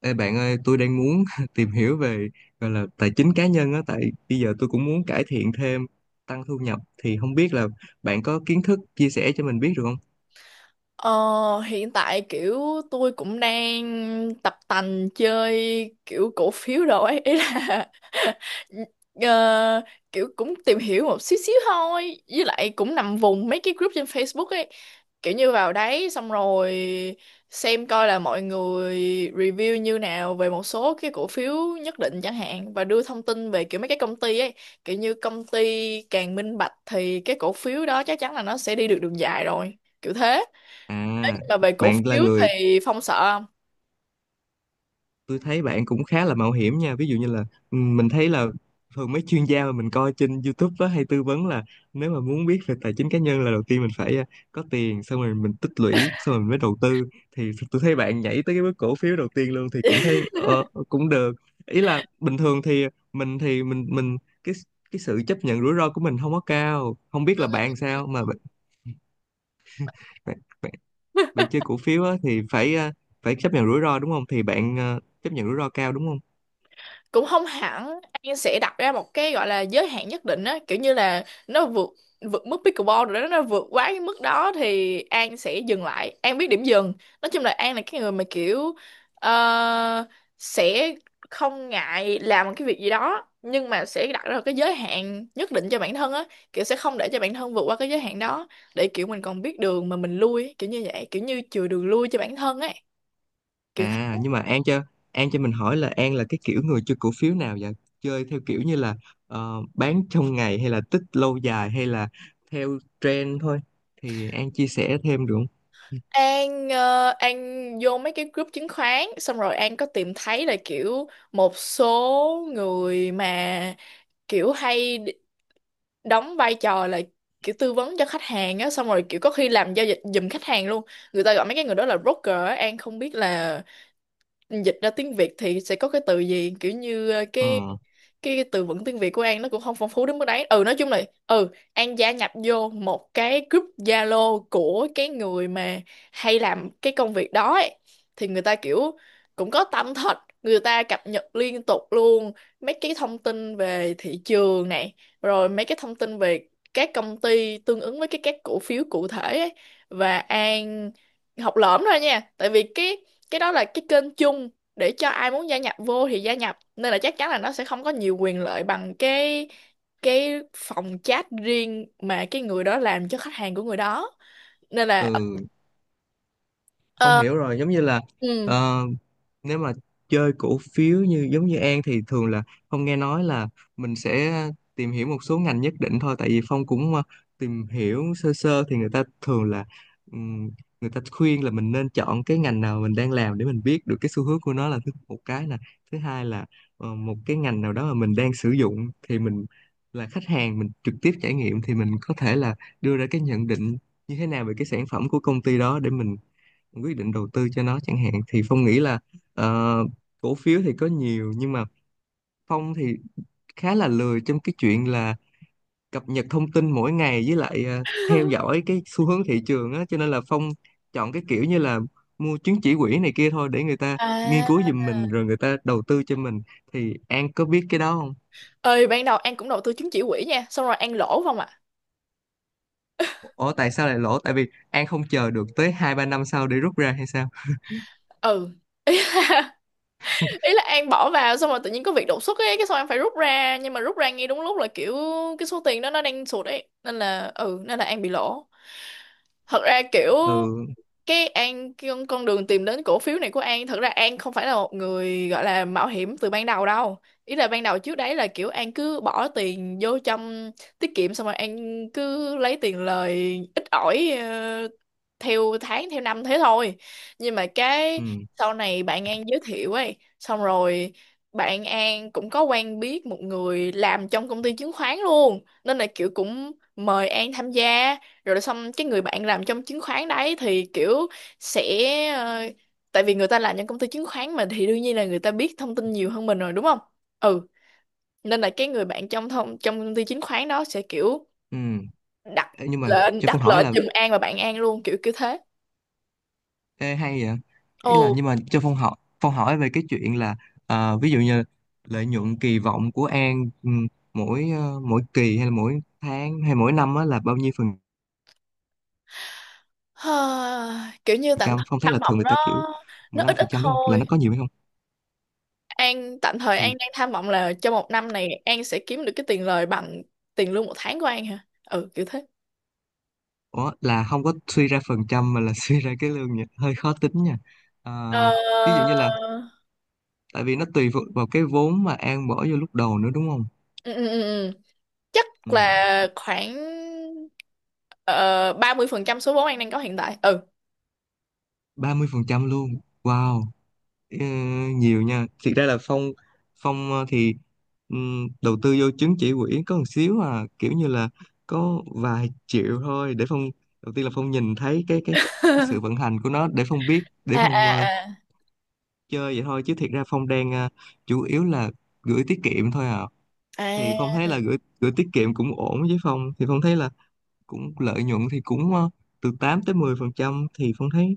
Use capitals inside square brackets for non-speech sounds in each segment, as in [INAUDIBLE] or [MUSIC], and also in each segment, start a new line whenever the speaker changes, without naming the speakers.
Ê bạn ơi, tôi đang muốn [LAUGHS] tìm hiểu về gọi là tài chính cá nhân á, tại bây giờ tôi cũng muốn cải thiện thêm, tăng thu nhập thì không biết là bạn có kiến thức chia sẻ cho mình biết được không?
Ờ, hiện tại kiểu tôi cũng đang tập tành chơi kiểu cổ phiếu rồi ấy ý là [LAUGHS] ờ, kiểu cũng tìm hiểu một xíu xíu thôi, với lại cũng nằm vùng mấy cái group trên Facebook ấy, kiểu như vào đấy xong rồi xem coi là mọi người review như nào về một số cái cổ phiếu nhất định chẳng hạn và đưa thông tin về kiểu mấy cái công ty ấy. Kiểu như công ty càng minh bạch thì cái cổ phiếu đó chắc chắn là nó sẽ đi được đường dài rồi, kiểu thế.
À,
Mà về cổ
bạn là
phiếu
người
thì Phong sợ không?
tôi thấy bạn cũng khá là mạo hiểm nha, ví dụ như là ừ, mình thấy là thường mấy chuyên gia mà mình coi trên YouTube á, hay tư vấn là nếu mà muốn biết về tài chính cá nhân là đầu tiên mình phải có tiền, xong rồi mình tích lũy, xong rồi mình mới đầu tư. Thì tôi thấy bạn nhảy tới cái bước cổ phiếu đầu tiên luôn thì cũng thấy
[LAUGHS]
cũng được. Ý là bình thường thì mình cái cái sự chấp nhận rủi ro của mình không có cao, không biết là bạn sao mà bạn, bạn, bạn chơi cổ phiếu á, thì phải phải chấp nhận rủi ro đúng không, thì bạn chấp nhận rủi ro cao đúng không?
Cũng không hẳn, An sẽ đặt ra một cái gọi là giới hạn nhất định á, kiểu như là nó vượt vượt mức pickleball rồi đó, nó vượt quá cái mức đó thì An sẽ dừng lại, An biết điểm dừng. Nói chung là An là cái người mà kiểu ờ, sẽ không ngại làm một cái việc gì đó nhưng mà sẽ đặt ra một cái giới hạn nhất định cho bản thân á, kiểu sẽ không để cho bản thân vượt qua cái giới hạn đó, để kiểu mình còn biết đường mà mình lui, kiểu như vậy, kiểu như chừa đường lui cho bản thân ấy, kiểu thế.
À nhưng mà An cho mình hỏi là An là cái kiểu người chơi cổ phiếu nào vậy? Chơi theo kiểu như là bán trong ngày, hay là tích lâu dài, hay là theo trend thôi? Thì An chia sẻ thêm được không?
An An vô mấy cái group chứng khoán xong rồi An có tìm thấy là kiểu một số người mà kiểu hay đóng vai trò là kiểu tư vấn cho khách hàng á, xong rồi kiểu có khi làm giao dịch giùm khách hàng luôn. Người ta gọi mấy cái người đó là broker á, An không biết là dịch ra tiếng Việt thì sẽ có cái từ gì, kiểu như
Ờ,
từ vựng tiếng Việt của An nó cũng không phong phú đến mức đấy. Ừ, nói chung là ừ An gia nhập vô một cái group Zalo của cái người mà hay làm cái công việc đó ấy. Thì người ta kiểu cũng có tâm thật, người ta cập nhật liên tục luôn mấy cái thông tin về thị trường này, rồi mấy cái thông tin về các công ty tương ứng với cái các cổ phiếu cụ thể ấy. Và An học lỏm thôi nha, tại vì cái đó là cái kênh chung để cho ai muốn gia nhập vô thì gia nhập, nên là chắc chắn là nó sẽ không có nhiều quyền lợi bằng cái phòng chat riêng mà cái người đó làm cho khách hàng của người đó, nên là
ừ, không
ờ,
hiểu rồi, giống như là
ừ
ờ, nếu mà chơi cổ phiếu như giống như An thì thường là Phong nghe nói là mình sẽ tìm hiểu một số ngành nhất định thôi, tại vì Phong cũng tìm hiểu sơ sơ thì người ta thường là ừm, người ta khuyên là mình nên chọn cái ngành nào mình đang làm để mình biết được cái xu hướng của nó, là thứ một cái nè. Thứ hai là một cái ngành nào đó mà mình đang sử dụng thì mình là khách hàng, mình trực tiếp trải nghiệm thì mình có thể là đưa ra cái nhận định như thế nào về cái sản phẩm của công ty đó để mình quyết định đầu tư cho nó chẳng hạn. Thì Phong nghĩ là ờ, cổ phiếu thì có nhiều, nhưng mà Phong thì khá là lười trong cái chuyện là cập nhật thông tin mỗi ngày, với lại theo dõi cái xu hướng thị trường á, cho nên là Phong chọn cái kiểu như là mua chứng chỉ quỹ này kia thôi, để người ta nghiên cứu
à
giùm mình rồi người ta đầu tư cho mình. Thì An có biết cái đó không?
ơi ban đầu An cũng đầu tư chứng chỉ quỹ nha, xong rồi An lỗ không ạ.
Ủa tại sao lại lỗ? Tại vì An không chờ được tới 2 3 năm sau để rút ra hay sao?
Ừ, ý là, [LAUGHS] ý là An bỏ vào xong rồi tự nhiên có việc đột xuất ấy, cái xong An phải rút ra, nhưng mà rút ra ngay đúng lúc là kiểu cái số tiền đó nó đang sụt ấy, nên là ừ nên là An bị lỗ. Thật ra kiểu
Ừ
cái An cái con đường tìm đến cổ phiếu này của An, thật ra An không phải là một người gọi là mạo hiểm từ ban đầu đâu. Ý là ban đầu trước đấy là kiểu An cứ bỏ tiền vô trong tiết kiệm, xong rồi An cứ lấy tiền lời ít ỏi, theo tháng theo năm thế thôi. Nhưng mà cái
ừ
sau này bạn An giới thiệu ấy, xong rồi bạn An cũng có quen biết một người làm trong công ty chứng khoán luôn, nên là kiểu cũng mời An tham gia. Rồi xong cái người bạn làm trong chứng khoán đấy thì kiểu sẽ ờ, tại vì người ta làm trong công ty chứng khoán mà thì đương nhiên là người ta biết thông tin nhiều hơn mình rồi đúng không. Ừ, nên là cái người bạn trong công ty chứng khoán đó sẽ kiểu
ừ
đặt
nhưng mà cho Phong
đặt
hỏi
lệnh
là
giùm An và bạn An luôn, kiểu kiểu thế.
Ê, hay vậy. Ý
Ồ
là nhưng mà cho Phong hỏi về cái chuyện là ví dụ như lợi nhuận kỳ vọng của An, ừ, mỗi mỗi kỳ hay là mỗi tháng hay mỗi năm á là bao nhiêu phần
ha, kiểu như tạm
trăm?
thời
Phong thấy
tham
là thường
vọng
người ta kiểu
nó
15
ít ít
phần trăm đúng không, là nó
thôi.
có nhiều hay không.
An tạm thời An
Thì
đang tham vọng là trong một năm này An sẽ kiếm được cái tiền lời bằng tiền lương một tháng của An hả, ừ kiểu thế.
ủa, là không có suy ra phần trăm mà là [LAUGHS] suy ra cái lương nha, hơi khó tính nha. Ờ, ví dụ
Ờ,
như là tại vì nó tùy thuộc vào cái vốn mà An bỏ vô lúc đầu nữa đúng không.
ừ, ừ, ừ. ừ. chắc
Ừ,
là khoảng 30% số vốn an đang có hiện tại, ừ.
30 phần trăm luôn, wow. Ờ, nhiều nha. Thiệt ra là Phong Phong thì đầu tư vô chứng chỉ quỹ có một xíu à, kiểu như là có vài triệu thôi để đầu tiên là Phong nhìn thấy cái cái sự vận
[LAUGHS]
hành của nó, để Phong biết, để
À
Phong
à à.
chơi vậy thôi, chứ thiệt ra Phong đang chủ yếu là gửi tiết kiệm thôi à.
[LAUGHS]
Thì Phong
À,
thấy là gửi gửi tiết kiệm cũng ổn, với Phong thì Phong thấy là cũng lợi nhuận thì cũng từ 8 tới 10 phần trăm thì Phong thấy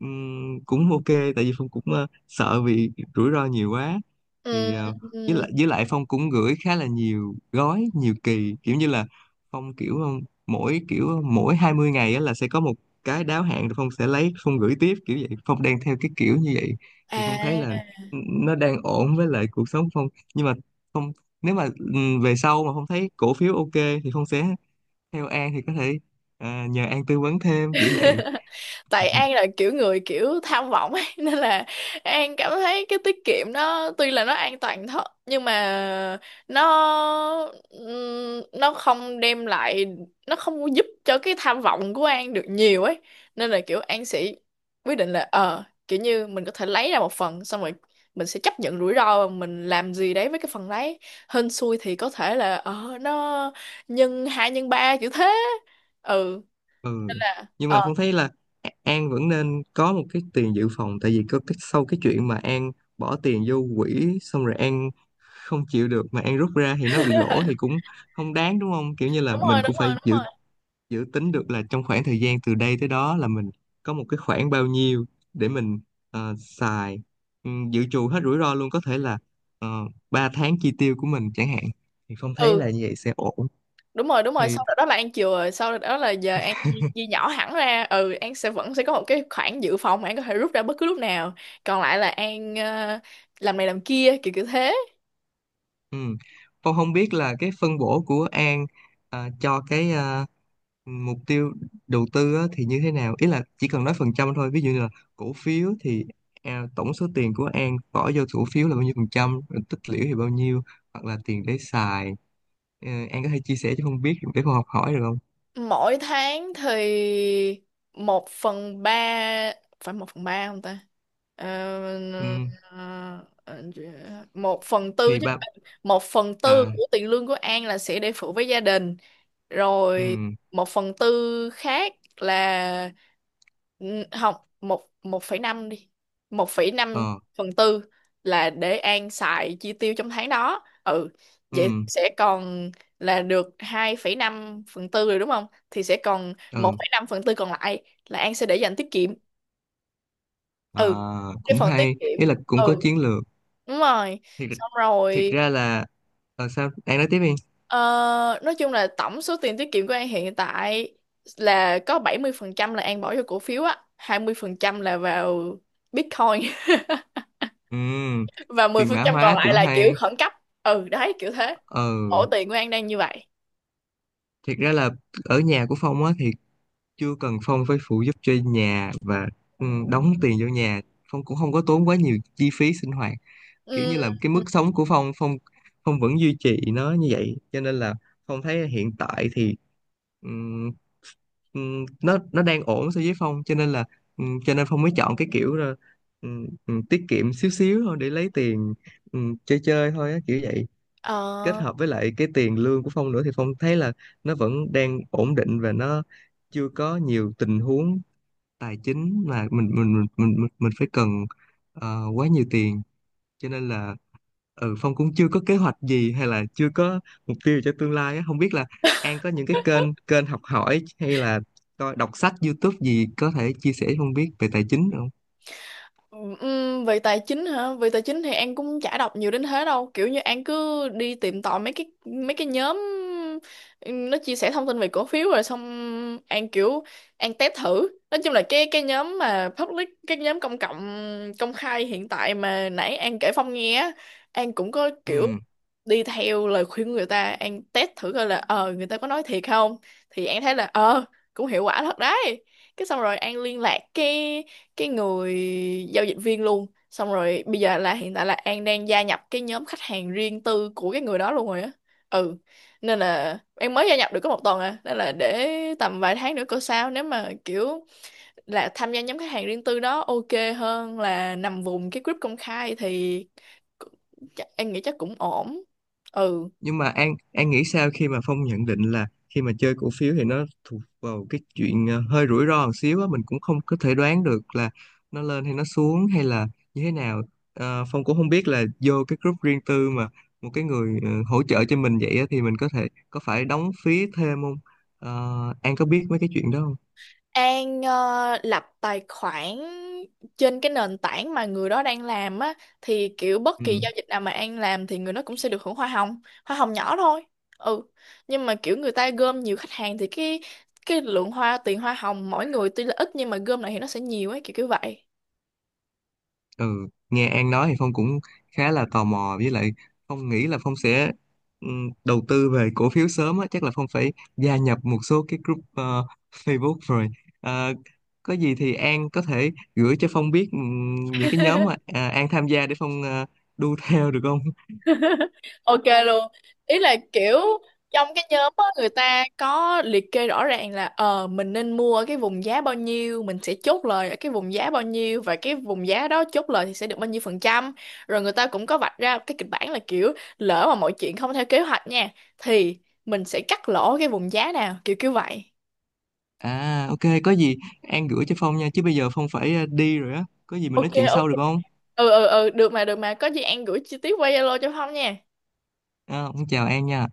ừm, cũng ok, tại vì Phong cũng sợ vì rủi ro nhiều quá.
ừ,
Thì ờ,
ừ,
với lại Phong cũng gửi khá là nhiều gói, nhiều kỳ, kiểu như là Phong kiểu mỗi kiểu mỗi 20 ngày á là sẽ có một cái đáo hạn, rồi Phong sẽ lấy, Phong gửi tiếp, kiểu vậy. Phong đang theo cái kiểu như vậy. Thì Phong thấy là
à.
nó đang ổn với lại cuộc sống Phong. Nhưng mà Phong, nếu mà về sau mà Phong thấy cổ phiếu ok thì Phong sẽ theo An, thì có thể nhờ An tư vấn thêm kiểu vậy.
[LAUGHS] Tại An là kiểu người kiểu tham vọng ấy, [LAUGHS] nên là An cảm thấy cái tiết kiệm nó tuy là nó an toàn thật, nhưng mà nó nó không đem lại, nó không có giúp cho cái tham vọng của An được nhiều ấy, nên là kiểu An sẽ quyết định là ờ kiểu như mình có thể lấy ra một phần, xong rồi mình sẽ chấp nhận rủi ro và mình làm gì đấy với cái phần đấy. Hên xui thì có thể là ờ nó nhân hai nhân ba, kiểu thế. Ừ nên
Ừ,
là
nhưng mà
ờ
Phong thấy là An vẫn nên có một cái tiền dự phòng, tại vì có cái sau cái chuyện mà An bỏ tiền vô quỹ xong rồi An không chịu được mà An rút ra thì nó bị lỗ thì cũng không đáng đúng không, kiểu như là
đúng rồi
mình
đúng
cũng
rồi
phải
đúng
dự
rồi.
dự tính được là trong khoảng thời gian từ đây tới đó là mình có một cái khoản bao nhiêu để mình xài, ừ, dự trù hết rủi ro luôn, có thể là 3 tháng chi tiêu của mình chẳng hạn. Thì Phong thấy
Ừ
là như vậy sẽ ổn.
đúng rồi đúng rồi,
Thì
sau đó là An chừa, rồi sau đó là giờ An chia nhỏ hẳn ra. Ừ, An sẽ vẫn sẽ có một cái khoản dự phòng mà An có thể rút ra bất cứ lúc nào, còn lại là An làm này làm kia kiểu kiểu thế.
ừ. Tôi không biết là cái phân bổ của An cho cái mục tiêu đầu tư á, thì như thế nào? Ý là chỉ cần nói phần trăm thôi. Ví dụ như là cổ phiếu thì à, tổng số tiền của An bỏ vô cổ phiếu là bao nhiêu phần trăm, rồi tích lũy thì bao nhiêu, hoặc là tiền để xài. Ờ, An có thể chia sẻ cho không biết để con học hỏi được không?
Mỗi tháng thì một phần ba, phải một phần ba không ta? Ờ,
Ừ.
ờ, ờ, một phần tư
Thì
chứ.
ba,
Một phần tư
à,
của tiền lương của An là sẽ để phụ với gia đình,
ừ,
rồi một phần tư khác là ừ, không một một phẩy năm đi, một phẩy năm
ờ,
phần tư là để An xài chi tiêu trong tháng đó. Ừ, vậy
ừ,
sẽ còn là được hai phẩy năm phần tư rồi đúng không? Thì sẽ còn một
ừ,
phẩy năm phần tư còn lại là An sẽ để dành tiết kiệm.
à,
Ừ, cái
cũng
phần
hay,
tiết kiệm.
ý là cũng
Ừ,
có chiến lược
đúng rồi.
thiệt.
Xong
Thiệt
rồi,
ra là ờ, sao An nói tiếp đi.
ờ, nói chung là tổng số tiền tiết kiệm của An hiện tại là có 70% là An bỏ vô cổ phiếu á, 20% là vào Bitcoin
Ừ,
[LAUGHS] và mười
tiền
phần
mã
trăm còn
hóa
lại
cũng
là kiểu
hay.
khẩn cấp. Ừ, đấy, kiểu thế.
Ờ,
Ổ tiền của An đang như vậy.
thiệt ra là ở nhà của Phong á thì chưa cần Phong phải phụ giúp cho nhà và ừ, đóng tiền vô nhà. Phong cũng không có tốn quá nhiều chi phí sinh hoạt, kiểu như
Ừ.
là cái mức sống của Phong Phong Phong vẫn duy trì nó như vậy, cho nên là Phong thấy hiện tại thì ừm, nó đang ổn so với Phong, cho nên là cho nên Phong mới chọn cái kiểu là tiết kiệm xíu xíu thôi để lấy tiền chơi chơi thôi á, kiểu vậy, kết
Ờ.
hợp với lại cái tiền lương của Phong nữa. Thì Phong thấy là nó vẫn đang ổn định, và nó chưa có nhiều tình huống tài chính mà mình phải cần quá nhiều tiền, cho nên là ừ Phong cũng chưa có kế hoạch gì hay là chưa có mục tiêu cho tương lai á. Không biết là An có những cái kênh kênh học hỏi hay là coi đọc sách YouTube gì có thể chia sẻ cho Phong biết về tài chính được không?
Về tài chính hả? Về tài chính thì An cũng chả đọc nhiều đến thế đâu. Kiểu như An cứ đi tìm tòi mấy cái nhóm nó chia sẻ thông tin về cổ phiếu, rồi xong An kiểu An test thử. Nói chung là cái nhóm mà public, cái nhóm công cộng công khai hiện tại mà nãy An kể Phong nghe á, An cũng có kiểu
Ừ,
đi theo lời khuyên của người ta, An test thử coi là ờ người ta có nói thiệt không. Thì An thấy là ờ cũng hiệu quả thật đấy. Cái xong rồi An liên lạc cái người giao dịch viên luôn, xong rồi bây giờ là hiện tại là An đang gia nhập cái nhóm khách hàng riêng tư của cái người đó luôn rồi á. Ừ, nên là em mới gia nhập được có một tuần à, nên là để tầm vài tháng nữa coi sao, nếu mà kiểu là tham gia nhóm khách hàng riêng tư đó ok hơn là nằm vùng cái group công khai thì em nghĩ chắc cũng ổn. Ừ,
nhưng mà An nghĩ sao khi mà Phong nhận định là khi mà chơi cổ phiếu thì nó thuộc vào cái chuyện hơi rủi ro một xíu á, mình cũng không có thể đoán được là nó lên hay nó xuống hay là như thế nào. Ờ, Phong cũng không biết là vô cái group riêng tư mà một cái người hỗ trợ cho mình vậy á, thì mình có thể có phải đóng phí thêm không. Ờ, An có biết mấy cái chuyện đó không?
An lập tài khoản trên cái nền tảng mà người đó đang làm á, thì kiểu bất
Ừ.
kỳ giao dịch nào mà An làm thì người đó cũng sẽ được hưởng hoa hồng nhỏ thôi. Ừ. Nhưng mà kiểu người ta gom nhiều khách hàng thì cái lượng tiền hoa hồng mỗi người tuy là ít nhưng mà gom lại thì nó sẽ nhiều ấy, kiểu kiểu vậy.
Ừ, nghe An nói thì Phong cũng khá là tò mò, với lại Phong nghĩ là Phong sẽ đầu tư về cổ phiếu sớm á, chắc là Phong phải gia nhập một số cái group Facebook rồi. Ờ, có gì thì An có thể gửi cho Phong biết những cái nhóm mà à, An tham gia, để Phong đu [LAUGHS] theo được không?
Ok luôn. Ý là kiểu trong cái nhóm á người ta có liệt kê rõ ràng là ờ mình nên mua ở cái vùng giá bao nhiêu, mình sẽ chốt lời ở cái vùng giá bao nhiêu và cái vùng giá đó chốt lời thì sẽ được bao nhiêu phần trăm. Rồi người ta cũng có vạch ra cái kịch bản là kiểu lỡ mà mọi chuyện không theo kế hoạch nha, thì mình sẽ cắt lỗ cái vùng giá nào, kiểu kiểu vậy.
À ok, có gì An gửi cho Phong nha, chứ bây giờ Phong phải đi rồi á, có gì mình
Ok
nói chuyện
ok.
sau được không?
Được mà có gì An gửi chi tiết qua Zalo cho Phong nha.
À, Phong chào An nha.